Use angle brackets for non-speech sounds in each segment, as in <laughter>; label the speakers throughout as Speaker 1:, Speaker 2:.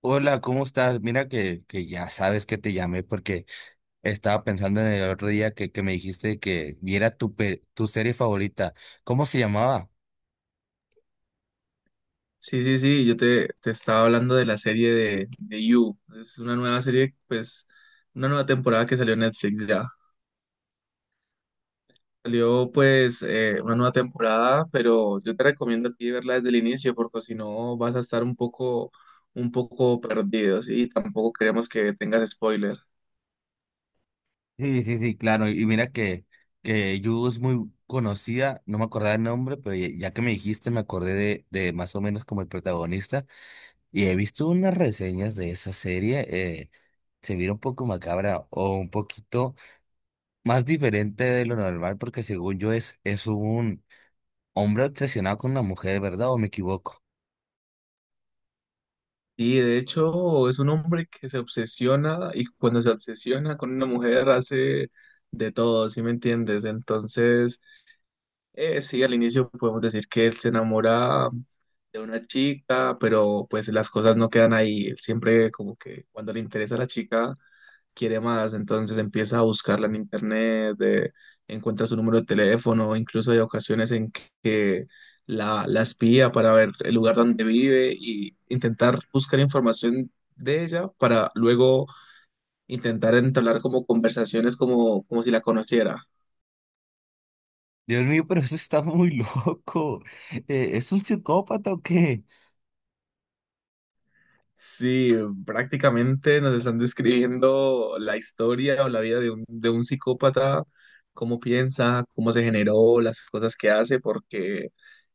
Speaker 1: Hola, ¿cómo estás? Mira que ya sabes que te llamé porque estaba pensando en el otro día que me dijiste que viera tu serie favorita. ¿Cómo se llamaba?
Speaker 2: Sí, sí, sí, yo te estaba hablando de la serie de You. Es una nueva serie, pues, una nueva temporada que salió en Netflix ya. Salió, pues, una nueva temporada, pero yo te recomiendo a ti verla desde el inicio, porque si no vas a estar un poco perdido, ¿sí? Tampoco queremos que tengas spoiler.
Speaker 1: Sí, sí, sí, claro. Y mira que Yu es muy conocida, no me acordaba el nombre, pero ya que me dijiste me acordé de más o menos como el protagonista. Y he visto unas reseñas de esa serie. Se mira un poco macabra o un poquito más diferente de lo normal porque según yo es un... Hombre obsesionado con una mujer, ¿verdad? ¿O me equivoco?
Speaker 2: Y de hecho, es un hombre que se obsesiona y cuando se obsesiona con una mujer hace de todo, ¿sí me entiendes? Entonces. Sí, al inicio podemos decir que él se enamora de una chica, pero pues las cosas no quedan ahí. Él siempre como que cuando le interesa a la chica, quiere más, entonces empieza a buscarla en internet, encuentra su número de teléfono, incluso hay ocasiones en que la espía para ver el lugar donde vive y intentar buscar información de ella para luego intentar entablar como conversaciones como si la conociera.
Speaker 1: Dios mío, pero eso está muy <laughs> loco. ¿Es un psicópata o qué?
Speaker 2: Sí, prácticamente nos están describiendo la historia o la vida de un psicópata, cómo piensa, cómo se generó, las cosas que hace, porque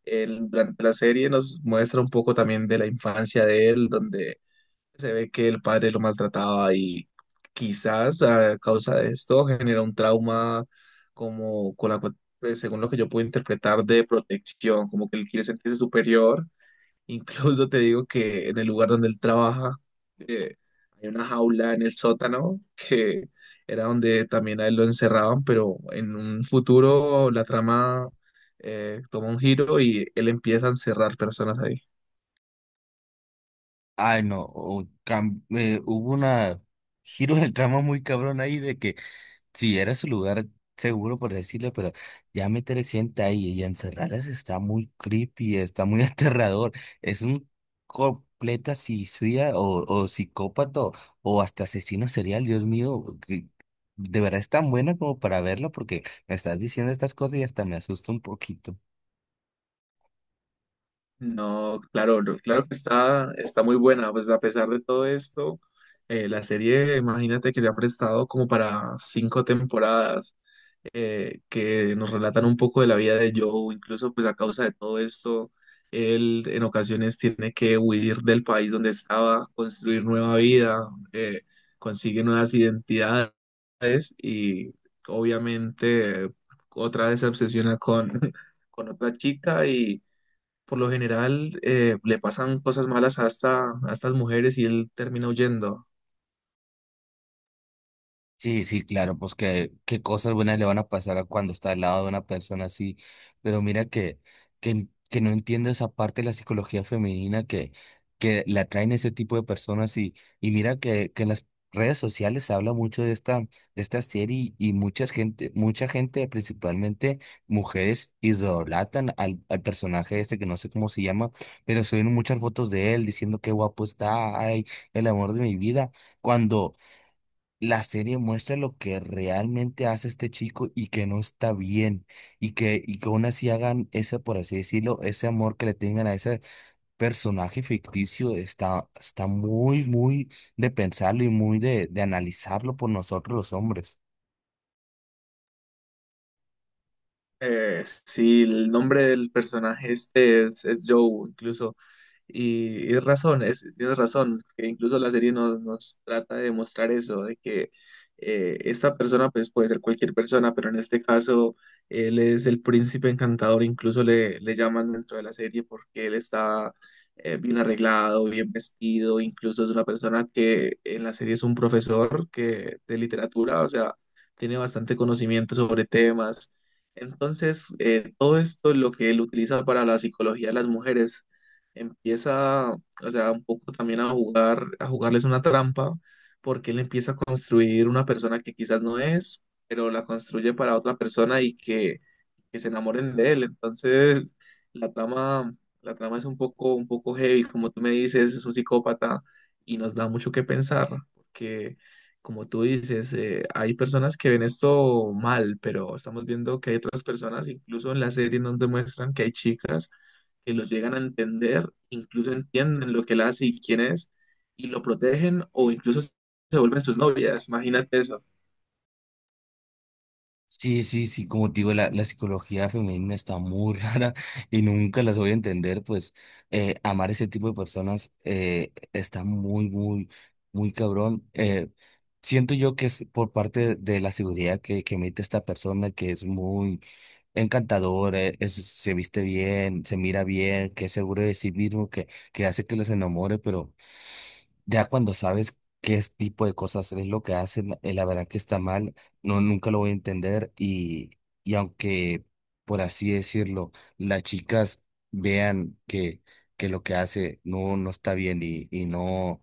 Speaker 2: durante la serie nos muestra un poco también de la infancia de él, donde se ve que el padre lo maltrataba y quizás a causa de esto genera un trauma como con la, cu- pues, según lo que yo puedo interpretar, de protección, como que él quiere sentirse superior. Incluso te digo que en el lugar donde él trabaja, eh, hay una jaula en el sótano que era donde también a él lo encerraban, pero en un futuro la trama, toma un giro y él empieza a encerrar personas ahí.
Speaker 1: Ay, no. Hubo una giro del trama muy cabrón ahí de que sí, era su lugar seguro, por decirlo, pero ya meter gente ahí y encerrarlas está muy creepy, está muy <laughs> aterrador. Es un completa suicida o psicópata o hasta asesino serial, Dios mío. Que De verdad es tan buena como para verlo porque me estás diciendo estas cosas y hasta me asusta un poquito.
Speaker 2: No, claro, no, claro que está, muy buena, pues a pesar de todo esto, la serie, imagínate que se ha prestado como para cinco temporadas, que nos relatan un poco de la vida de Joe, incluso pues a causa de todo esto, él en ocasiones tiene que huir del país donde estaba, construir nueva vida, consigue nuevas identidades y obviamente otra vez se obsesiona con, <laughs> con otra chica y por lo general, le pasan cosas malas hasta a estas mujeres y él termina huyendo.
Speaker 1: Sí, sí, claro, pues que qué cosas buenas le van a pasar a cuando está al lado de una persona así, pero mira que no entiendo esa parte de la psicología femenina que la atraen ese tipo de personas y mira que en las redes sociales se habla mucho de esta serie y mucha gente, principalmente mujeres, idolatan al personaje este que no sé cómo se llama, pero suben muchas fotos de él diciendo qué guapo está, ay, el amor de mi vida, cuando la serie muestra lo que realmente hace este chico y que no está bien y que aún así hagan ese, por así decirlo, ese amor que le tengan a ese personaje ficticio está muy, muy de pensarlo y muy de analizarlo por nosotros los hombres.
Speaker 2: Sí, el nombre del personaje este es Joe, incluso. Y tienes razón, que incluso la serie nos trata de mostrar eso, de que esta persona pues puede ser cualquier persona, pero en este caso él es el príncipe encantador, incluso le llaman dentro de la serie porque él está bien arreglado, bien vestido, incluso es una persona que en la serie es un profesor que, de literatura, o sea, tiene bastante conocimiento sobre temas. Entonces, todo esto es lo que él utiliza para la psicología de las mujeres empieza, o sea, un poco también a jugar, a jugarles una trampa, porque él empieza a construir una persona que quizás no es, pero la construye para otra persona y que se enamoren de él. Entonces, la trama, la trama, es un poco heavy, como tú me dices, es un psicópata y nos da mucho que pensar, porque como tú dices, hay personas que ven esto mal, pero estamos viendo que hay otras personas, incluso en la serie nos demuestran que hay chicas que lo llegan a entender, incluso entienden lo que él hace y quién es, y lo protegen o incluso se vuelven sus novias. Imagínate eso.
Speaker 1: Sí, sí, sí, como te digo, la psicología femenina está muy <laughs> rara y nunca las voy a entender, pues amar ese tipo de personas está muy, muy, muy cabrón. Siento yo que es por parte de la seguridad que emite esta persona, que es muy encantador, se viste bien, se mira bien, que es seguro de sí mismo, que hace que los enamore, pero... Ya cuando sabes tipo de cosas es lo que hacen, la verdad que está mal, no, nunca lo voy a entender y aunque, por así decirlo, las chicas vean que lo que hace no, no está bien y no,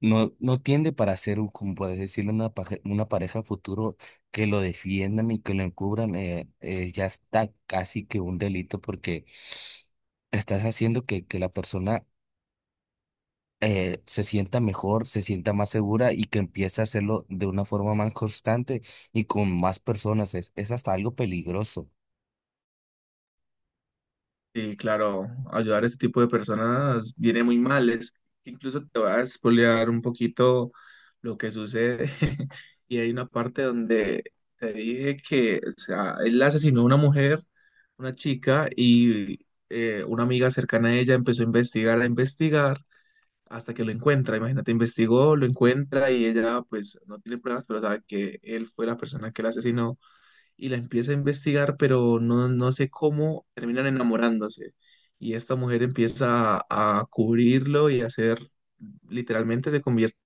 Speaker 1: no, no tiende para ser, como por así decirlo, una pareja futuro que lo defiendan y que lo encubran, ya está casi que un delito porque estás haciendo que la persona se sienta mejor, se sienta más segura y que empiece a hacerlo de una forma más constante y con más personas. Es hasta algo peligroso.
Speaker 2: Y claro, ayudar a este tipo de personas viene muy mal. Es, incluso te va a spoilear un poquito lo que sucede. <laughs> Y hay una parte donde te dije que, o sea, él asesinó a una mujer, una chica, y una amiga cercana a ella empezó a investigar hasta que lo encuentra. Imagínate, investigó, lo encuentra y ella pues no tiene pruebas, pero sabe que él fue la persona que la asesinó y la empieza a investigar, pero no, no sé cómo terminan enamorándose. Y esta mujer empieza a cubrirlo y a hacer, literalmente se convierte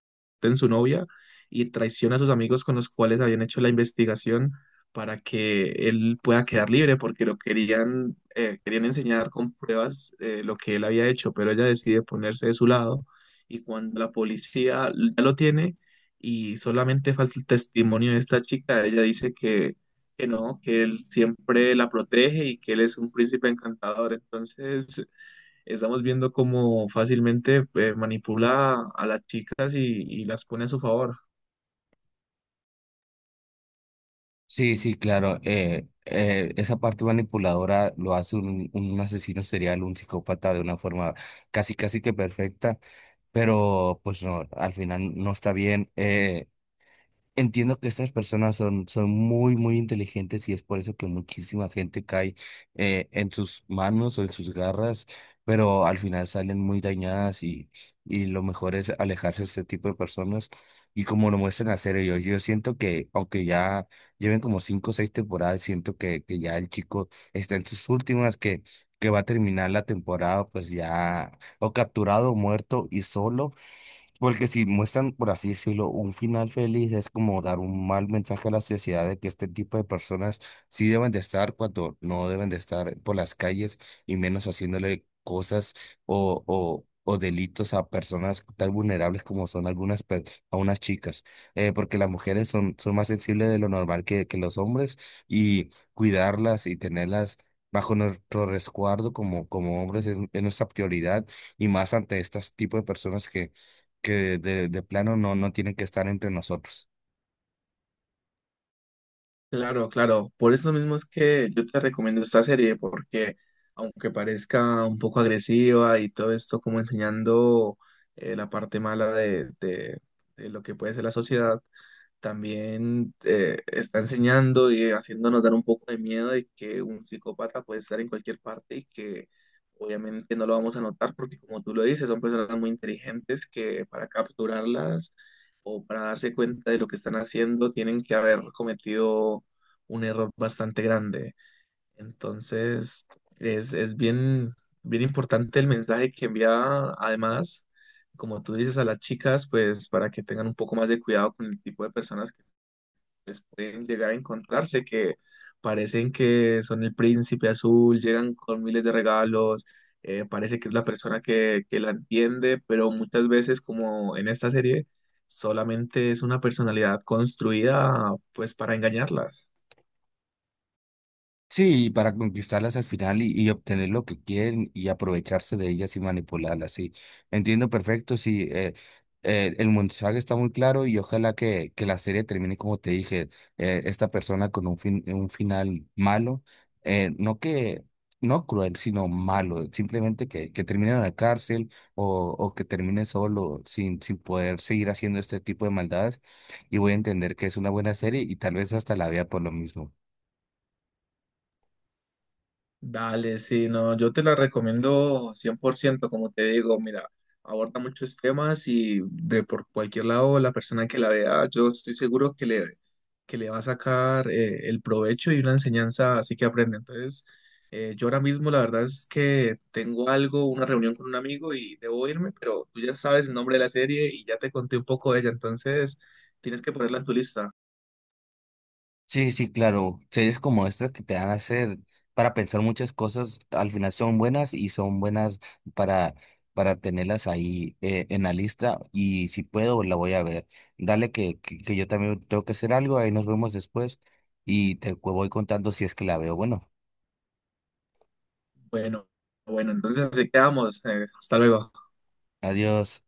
Speaker 2: en su novia y traiciona a sus amigos con los cuales habían hecho la investigación para que él pueda quedar libre, porque lo querían enseñar con pruebas lo que él había hecho, pero ella decide ponerse de su lado y cuando la policía ya lo tiene y solamente falta el testimonio de esta chica, ella dice que no, que él siempre la protege y que él es un príncipe encantador. Entonces, estamos viendo cómo fácilmente manipula a las chicas y las pone a su favor.
Speaker 1: Sí, sí, claro. Esa parte manipuladora lo hace un asesino serial, un psicópata de una forma casi que perfecta, pero pues no, al final no está bien. Entiendo que estas personas son muy, muy inteligentes y es por eso que muchísima gente cae en sus manos o en sus garras, pero al final salen muy dañadas y lo mejor es alejarse de este tipo de personas y como lo muestran hacer ellos. Yo siento que, aunque ya lleven como cinco o seis temporadas, siento que ya el chico está en sus últimas, que va a terminar la temporada pues ya o capturado o muerto y solo. Porque si muestran, por así decirlo, un final feliz, es como dar un mal mensaje a la sociedad de que este tipo de personas sí deben de estar cuando no deben de estar por las calles y menos haciéndole cosas o delitos a personas tan vulnerables como son a unas chicas. Porque las mujeres son más sensibles de lo normal que los hombres y cuidarlas y tenerlas bajo nuestro resguardo como hombres es nuestra prioridad y más ante este tipo de personas que de plano no tienen que estar entre nosotros.
Speaker 2: Claro, claro. Por eso mismo es que yo te recomiendo esta serie, porque aunque parezca un poco agresiva y todo esto como enseñando la parte mala de lo que puede ser la sociedad, también está enseñando y haciéndonos dar un poco de miedo de que un psicópata puede estar en cualquier parte y que obviamente no lo vamos a notar porque como tú lo dices, son personas muy inteligentes que para capturarlas o para darse cuenta de lo que están haciendo tienen que haber cometido un error bastante grande. Entonces, es, bien, bien importante el mensaje que envía, además como tú dices, a las chicas, pues para que tengan un poco más de cuidado con el tipo de personas pues, pueden llegar a encontrarse que parecen que son el príncipe azul, llegan con miles de regalos, parece que es la persona que la entiende, pero muchas veces, como en esta serie, solamente es una personalidad construida pues para engañarlas.
Speaker 1: Sí, para conquistarlas al final y obtener lo que quieren y aprovecharse de ellas y manipularlas, sí. Entiendo perfecto, sí. El mensaje está muy claro y ojalá que la serie termine como te dije, esta persona con un fin, un final malo, no que, no cruel, sino malo, simplemente que termine en la cárcel o que termine solo sin, sin poder seguir haciendo este tipo de maldades y voy a entender que es una buena serie y tal vez hasta la vea por lo mismo.
Speaker 2: Dale, sí, no, yo te la recomiendo 100% como te digo, mira, aborda muchos temas y de por cualquier lado la persona que la vea, yo estoy seguro que le, va a sacar el provecho y una enseñanza así que aprende. Entonces, yo ahora mismo la verdad es que tengo algo, una reunión con un amigo y debo irme, pero tú ya sabes el nombre de la serie y ya te conté un poco de ella, entonces tienes que ponerla en tu lista.
Speaker 1: Sí, sí, claro. Series como estas que te van a hacer para pensar muchas cosas, al final son buenas y son buenas para, para tenerlas ahí en la lista. Y si puedo, la voy a ver. Dale que yo también tengo que hacer algo, ahí nos vemos después y te voy contando si es que la veo. Bueno,
Speaker 2: Bueno, bueno, entonces así quedamos. Hasta luego.
Speaker 1: adiós.